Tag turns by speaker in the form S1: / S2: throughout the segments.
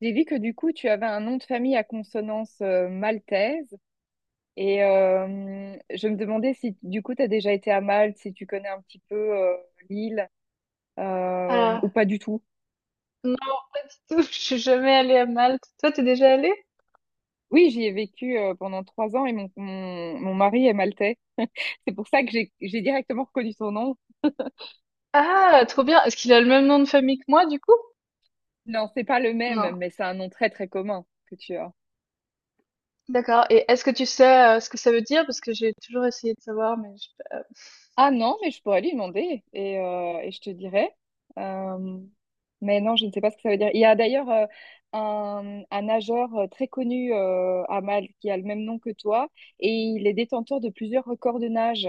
S1: J'ai vu que du coup, tu avais un nom de famille à consonance maltaise et je me demandais si du coup, tu as déjà été à Malte, si tu connais un petit peu l'île ou
S2: Ah,
S1: pas du tout.
S2: non, pas du tout. Je suis jamais allée à Malte. Toi, t'es déjà allée?
S1: Oui, j'y ai vécu pendant trois ans et mon mari est maltais. C'est pour ça que j'ai directement reconnu son nom.
S2: Ah, trop bien. Est-ce qu'il a le même nom de famille que moi, du coup?
S1: Non, c'est pas le même,
S2: Non.
S1: mais c'est un nom très très commun que tu as.
S2: D'accord. Et est-ce que tu sais ce que ça veut dire? Parce que j'ai toujours essayé de savoir, mais je...
S1: Ah non, mais je pourrais lui demander et je te dirai. Euh, mais non, je ne sais pas ce que ça veut dire. Il y a d'ailleurs un nageur très connu à Malte qui a le même nom que toi et il est détenteur de plusieurs records de nage.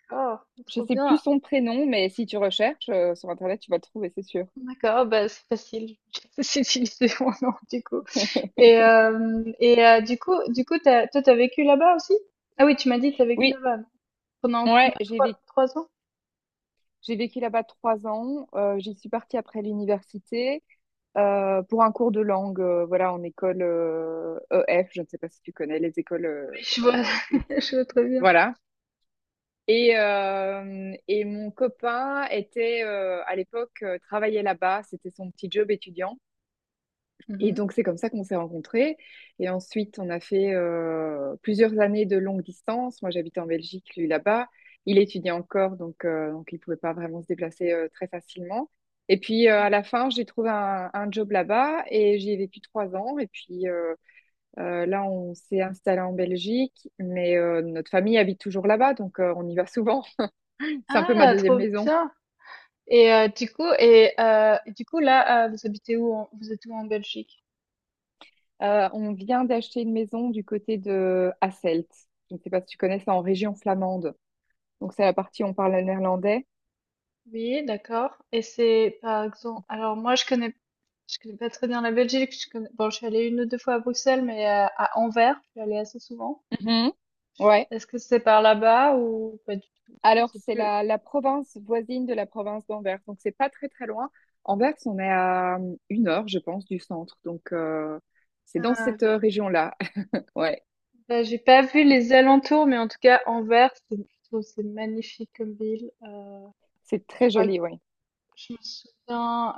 S2: d'accord.
S1: Je
S2: Trop
S1: sais plus
S2: bien.
S1: son prénom, mais si tu recherches sur Internet, tu vas le trouver, c'est sûr.
S2: D'accord. Bah, c'est facile. J'ai juste utilisé mon nom, du coup. Du coup, toi, t'as vécu là-bas aussi? Ah oui, tu m'as dit que t'as vécu
S1: Oui,
S2: là-bas. Pendant
S1: ouais,
S2: combien? Trois, trois ans?
S1: j'ai vécu là-bas 3 ans. J'y suis partie après l'université. Pour un cours de langue, voilà, en école EF, je ne sais pas si tu connais les écoles,
S2: Oui, je vois.
S1: euh, où-
S2: Je vois très bien.
S1: voilà. Et mon copain était à l'époque travaillait là-bas, c'était son petit job étudiant. Et
S2: Mhm.
S1: donc, c'est comme ça qu'on s'est rencontrés. Et ensuite, on a fait plusieurs années de longue distance. Moi, j'habitais en Belgique, lui là-bas. Il étudiait encore, donc il ne pouvait pas vraiment se déplacer très facilement. À la fin, j'ai trouvé un job là-bas et j'y ai vécu 3 ans. Là, on s'est installé en Belgique, mais notre famille habite toujours là-bas, donc on y va souvent. C'est un peu ma
S2: Ah,
S1: deuxième
S2: trop
S1: maison.
S2: bien. Et du coup, et du coup là, vous habitez où en- Vous êtes où en Belgique?
S1: On vient d'acheter une maison du côté de Hasselt. Je ne sais pas si tu connais ça en région flamande. Donc c'est la partie où on parle néerlandais.
S2: Oui, d'accord. Et c'est par exemple. Alors moi, je connais pas très bien la Belgique. Je connais, bon, je suis allée une ou deux fois à Bruxelles, mais à Anvers, je suis allée assez souvent.
S1: Mhm. Ouais.
S2: Est-ce que c'est par là-bas ou pas du tout? Je
S1: Alors
S2: sais
S1: c'est
S2: plus.
S1: la province voisine de la province d'Anvers. Donc c'est pas très très loin. Anvers, on est à 1 heure, je pense, du centre. C'est dans
S2: Ah,
S1: cette
S2: je-
S1: région-là. Ouais.
S2: ben, j'ai pas vu les alentours, mais en tout cas, Anvers, c'est, je trouve que c'est magnifique comme ville.
S1: C'est
S2: Je
S1: très
S2: crois
S1: joli, oui.
S2: Je me souviens,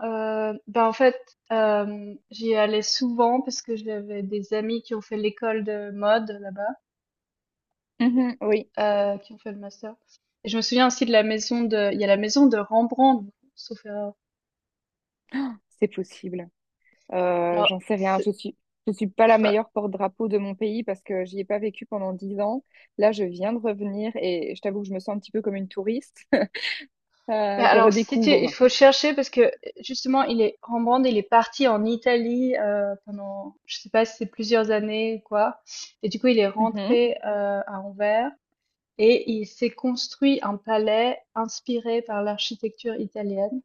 S2: bah, en fait, j'y allais souvent parce que j'avais des amis qui ont fait l'école de mode
S1: Mhm, oui,
S2: là-bas, qui ont fait le master et je me souviens aussi de la maison de il y a la maison de Rembrandt, sauf erreur.
S1: c'est possible. J'en
S2: Alors
S1: sais rien.
S2: c'est
S1: Je suis pas
S2: je
S1: la
S2: crois
S1: meilleure porte-drapeau de mon pays parce que j'y ai pas vécu pendant 10 ans. Là, je viens de revenir et je t'avoue que je me sens un petit peu comme une touriste.
S2: Bah,
S1: Je
S2: alors si tu il
S1: redécouvre.
S2: faut chercher parce que, justement il est Rembrandt, il est parti en Italie, pendant je sais pas si c'est plusieurs années ou quoi, et du coup il est
S1: Mhm,
S2: rentré, à Anvers. Et il s'est construit un palais inspiré par l'architecture italienne.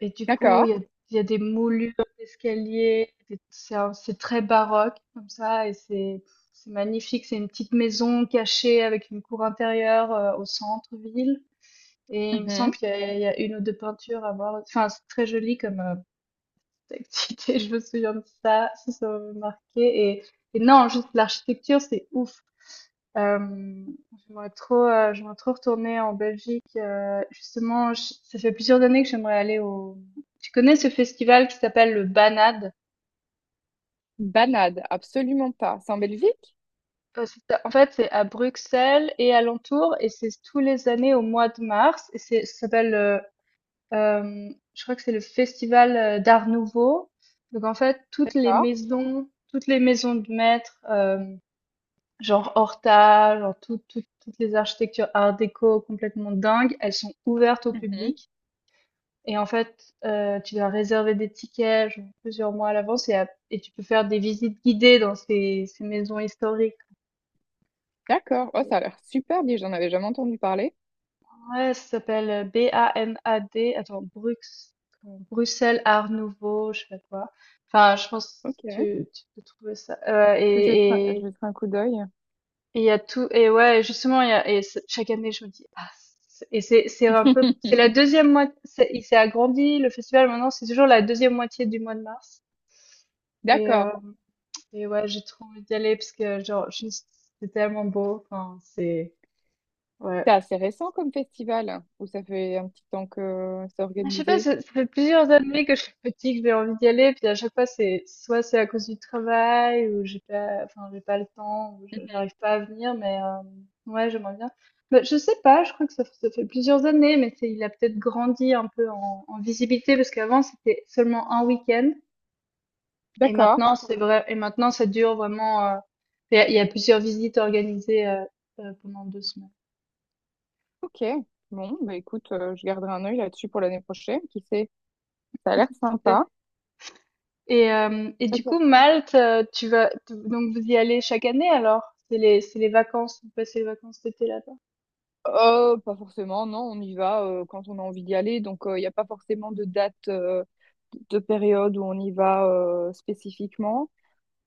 S2: Et du coup,
S1: d'accord.
S2: il y a des moulures d'escaliers, c'est c'est très baroque comme ça, c'est magnifique. C'est une petite maison cachée avec une cour intérieure au centre-ville. Et il me semble qu'il y, a il y a une ou deux peintures à voir. Enfin, c'est très joli comme activité, je me souviens de ça, ça m'a marqué. Et, et non, juste l'architecture, c'est ouf. Euh, J'aimerais trop retourner en Belgique. Justement, ça fait plusieurs années que j'aimerais aller au. Tu connais ce festival qui s'appelle le Banade?
S1: Banade, absolument pas. C'est en Belgique?
S2: En fait, c'est à Bruxelles et alentour, et c'est tous les années au mois de mars. Et c'est, ça s'appelle, euh, je crois que c'est le festival d'Art Nouveau. Donc en fait,
S1: D'accord.
S2: toutes les maisons de maîtres, genre Horta, genre toutes les architectures Art déco complètement dingues, elles sont ouvertes au
S1: Mhm.
S2: public. Et en fait, tu dois réserver des tickets, genre plusieurs mois à l'avance et tu peux faire des visites guidées dans ces maisons historiques.
S1: D'accord. Oh, ça a l'air super bien, j'en avais jamais entendu parler.
S2: Ouais, ça s'appelle, B-A-N-A-D, attends, Bruxelles Art Nouveau, je sais pas quoi. Enfin, je pense que
S1: Ok.
S2: tu peux trouver ça,
S1: Je jetterai un coup d'œil.
S2: et il y a tout et ouais, justement, il y a et c chaque année, je me dis: «Ah». c et c'est un peu C'est la deuxième moitié. Il s'est agrandi, le festival, maintenant, c'est toujours la deuxième moitié du mois de mars et heu
S1: D'accord.
S2: Et ouais, j'ai trop envie d'y aller parce que, genre, juste, c'est tellement beau. Enfin, c'est, ouais.
S1: C'est assez récent comme festival, hein, ou ça fait un petit temps que c'est
S2: Je sais pas,
S1: organisé?
S2: ça fait plusieurs années que je suis petite, que j'ai envie d'y aller. Puis à chaque fois, c'est, soit c'est à cause du travail, ou j'ai pas, enfin, j'ai pas le temps, ou
S1: Mhm.
S2: j'arrive pas à venir, mais, ouais, j'aimerais bien. Mais je sais pas, je crois que ça fait plusieurs années, mais c'est, il a peut-être grandi un peu en, en visibilité parce qu'avant, c'était seulement un week-end. Et
S1: D'accord.
S2: maintenant, c'est vrai, et maintenant, ça dure vraiment, il y a plusieurs visites organisées, pendant deux semaines.
S1: Ok. Bon, bah écoute, je garderai un œil là-dessus pour l'année prochaine. Qui sait? Ça a l'air sympa.
S2: Fait. Et du coup,
S1: Ok.
S2: Malte, tu donc vous y allez chaque année alors? C'est les vacances, vous passez les vacances d'été là-bas.
S1: Pas forcément, non, on y va quand on a envie d'y aller. Il n'y a pas forcément de date, de période où on y va spécifiquement.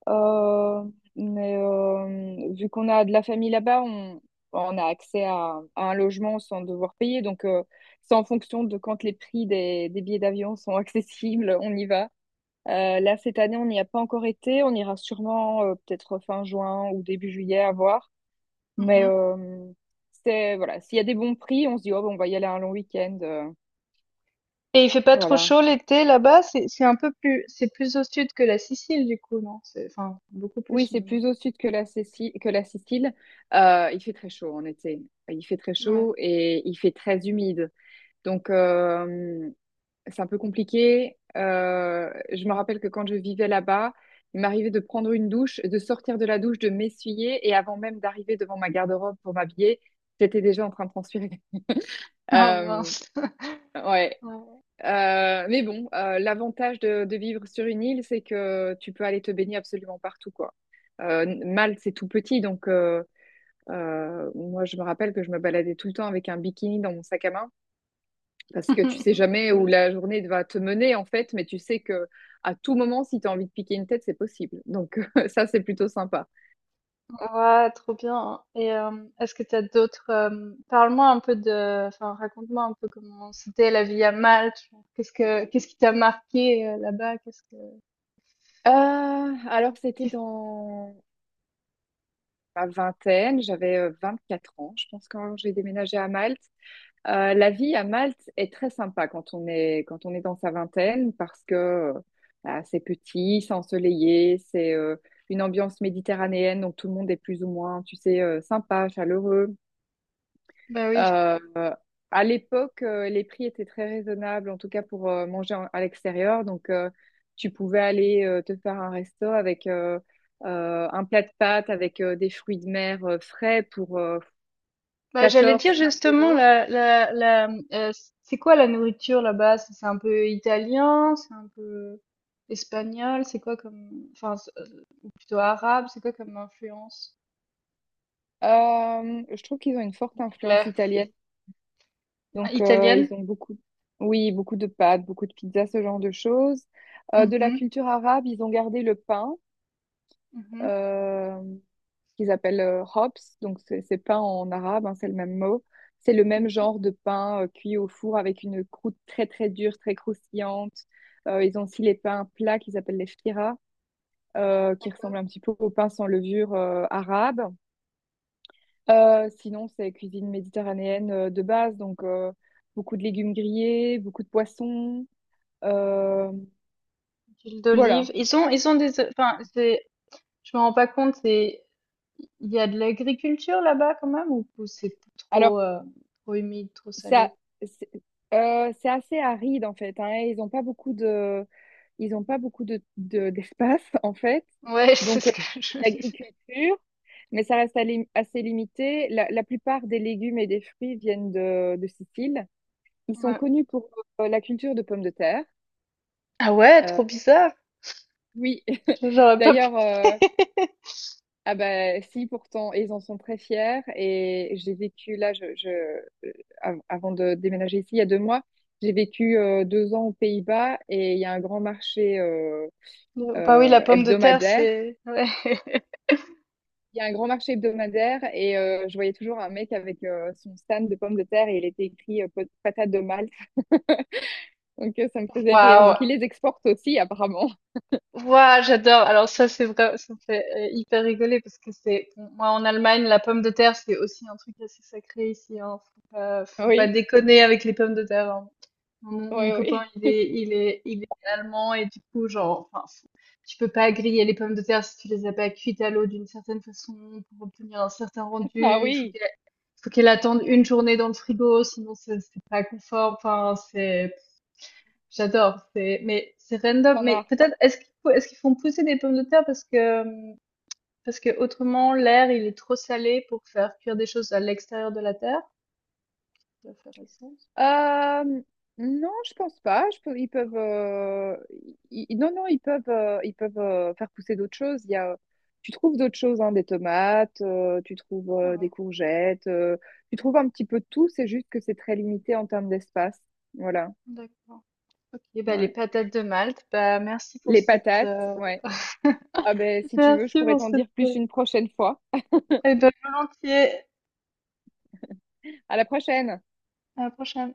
S1: Euh, Vu qu'on a de la famille là-bas, on a accès à un logement sans devoir payer. C'est en fonction de quand les prix des billets d'avion sont accessibles, on y va. Là, cette année, on n'y a pas encore été. On ira sûrement peut-être fin juin ou début juillet à voir. Mais
S2: Mhm.
S1: euh, c'est voilà, s'il y a des bons prix, on se dit oh, bah, on va y aller un long week-end.
S2: Et il fait pas trop
S1: Voilà.
S2: chaud l'été là-bas, c'est un peu plus, c'est plus au sud que la Sicile du coup, non? C'est enfin beaucoup
S1: Oui,
S2: plus
S1: c'est
S2: même.
S1: plus au sud que la Sicile. Il fait très chaud en été. Il fait très
S2: Non. Ouais.
S1: chaud et il fait très humide. Donc euh, c'est un peu compliqué. Je me rappelle que quand je vivais là-bas, il m'arrivait de prendre une douche, de sortir de la douche, de m'essuyer et avant même d'arriver devant ma garde-robe pour m'habiller, j'étais déjà en train de transpirer.
S2: Ah
S1: Euh,
S2: mince.
S1: ouais,
S2: Ouais.
S1: Mais bon, l'avantage de vivre sur une île, c'est que tu peux aller te baigner absolument partout, quoi. Malte, c'est tout petit, moi, je me rappelle que je me baladais tout le temps avec un bikini dans mon sac à main, parce que tu sais jamais
S2: Trop
S1: où
S2: bien.
S1: la journée va te mener, en fait, mais tu sais que à tout moment, si tu as envie de piquer une tête, c'est possible. Donc ça, c'est plutôt sympa.
S2: Ouais, trop bien. Et est-ce que tu as d'autres parle-moi un peu de enfin raconte-moi un peu comment c'était la vie à Malte. Genre, qu'est-ce que qu'est-ce qui t'a marqué là-bas? Qu'est-ce que
S1: Alors, c'était dans ma vingtaine, j'avais 4 ans, je pense, quand j'ai déménagé à Malte. La vie à Malte est très sympa quand quand on est dans sa vingtaine parce que c'est petit, c'est ensoleillé, c'est une ambiance méditerranéenne, donc tout le monde est plus ou moins, tu sais, sympa, chaleureux.
S2: Bah oui.
S1: Euh, à l'époque, les prix étaient très raisonnables, en tout cas pour manger à l'extérieur. Tu pouvais aller te faire un resto avec un plat de pâtes avec des fruits de mer frais pour
S2: Bah, j'allais dire
S1: 14-15
S2: justement
S1: euros.
S2: la la la euh, c'est quoi la nourriture là-bas? C'est un peu italien, c'est un peu espagnol, c'est quoi comme enfin plutôt arabe, c'est quoi comme influence?
S1: Je trouve qu'ils ont une forte influence
S2: Anglais.
S1: italienne.
S2: Ah, italienne?
S1: Ils ont beaucoup, oui, beaucoup de pâtes, beaucoup de pizzas, ce genre de choses. De la
S2: Mhm,
S1: culture arabe, ils ont gardé le pain,
S2: mhm.
S1: euh, qu'ils appellent hops. Donc, c'est pain en arabe, hein, c'est le même mot. C'est le même genre de pain cuit au four avec une croûte très, très dure, très croustillante. Ils ont aussi les pains plats qu'ils appellent les fira, qui
S2: D'accord.
S1: ressemblent un petit peu au pain sans levure arabe. Sinon, c'est cuisine méditerranéenne de base, beaucoup de légumes grillés, beaucoup de poissons. euh,
S2: Huile
S1: voilà.
S2: d'olive. Ils ont des enfin c'est je me rends pas compte c'est il y a de l'agriculture là-bas quand même ou c'est
S1: Alors,
S2: trop trop humide, trop
S1: ça,
S2: salé?
S1: c'est c'est assez aride en fait. Hein, et ils n'ont pas beaucoup de, ils ont pas beaucoup de- d'espace en fait.
S2: Ouais, c'est
S1: Donc, euh,
S2: ce que je me disais.
S1: D'agriculture, mais ça reste assez limité. La plupart des légumes et des fruits viennent de Sicile. Ils sont
S2: Ouais.
S1: connus pour la culture de pommes de terre.
S2: Ah ouais,
S1: Euh,
S2: trop bizarre.
S1: oui.
S2: J'aurais pas pensé.
S1: D'ailleurs. Ah bah si pourtant et ils en sont très fiers et j'ai vécu là je euh, av- avant de déménager ici il y a 2 mois j'ai vécu 2 ans aux Pays-Bas et il y a un grand marché
S2: Bah oui, la pomme de terre,
S1: hebdomadaire
S2: c'est ouais.
S1: il y a un grand marché hebdomadaire et je voyais toujours un mec avec son stand de pommes de terre et il était écrit patate de Malte donc ça me faisait rire
S2: Waouh!
S1: donc il les exporte aussi apparemment.
S2: Ouah, j'adore. Alors ça, c'est vrai, ça me fait hyper rigoler parce que c'est, bon, moi en Allemagne, la pomme de terre, c'est aussi un truc assez sacré ici. Hein. Faut pas
S1: oui
S2: déconner avec les pommes de terre. Hein. Enfin, mon
S1: oui,
S2: copain,
S1: oui.
S2: il est allemand et du coup, genre, enfin, tu peux pas griller les pommes de terre si tu les as pas cuites à l'eau d'une certaine façon pour obtenir un certain
S1: Ah
S2: rendu.
S1: oui,
S2: Faut qu'elle attende une journée dans le frigo, sinon c'est pas confort. Enfin, c'est J'adore, c'est mais c'est
S1: tout
S2: random,
S1: en
S2: mais
S1: a.
S2: peut-être est-ce qu'ils font pousser des pommes de terre parce que autrement l'air il est trop salé pour faire cuire des choses à l'extérieur de la terre? Ça fait faire du sens.
S1: Euh, non, je pense pas. Ils peuvent, non, non, ils peuvent faire pousser d'autres choses. Tu trouves d'autres choses, hein, des tomates, tu trouves
S2: Ah ouais,
S1: des courgettes, tu trouves un petit peu de tout. C'est juste que c'est très limité en termes d'espace. Voilà.
S2: d'accord. Ok, bah les
S1: Ouais.
S2: patates de Malte, bah merci pour
S1: Les
S2: cette
S1: patates, ouais. Ah ben, si tu veux, je
S2: merci
S1: pourrais
S2: pour
S1: t'en
S2: cette.
S1: dire plus une prochaine fois.
S2: Et ben volontiers.
S1: À la prochaine.
S2: À la prochaine.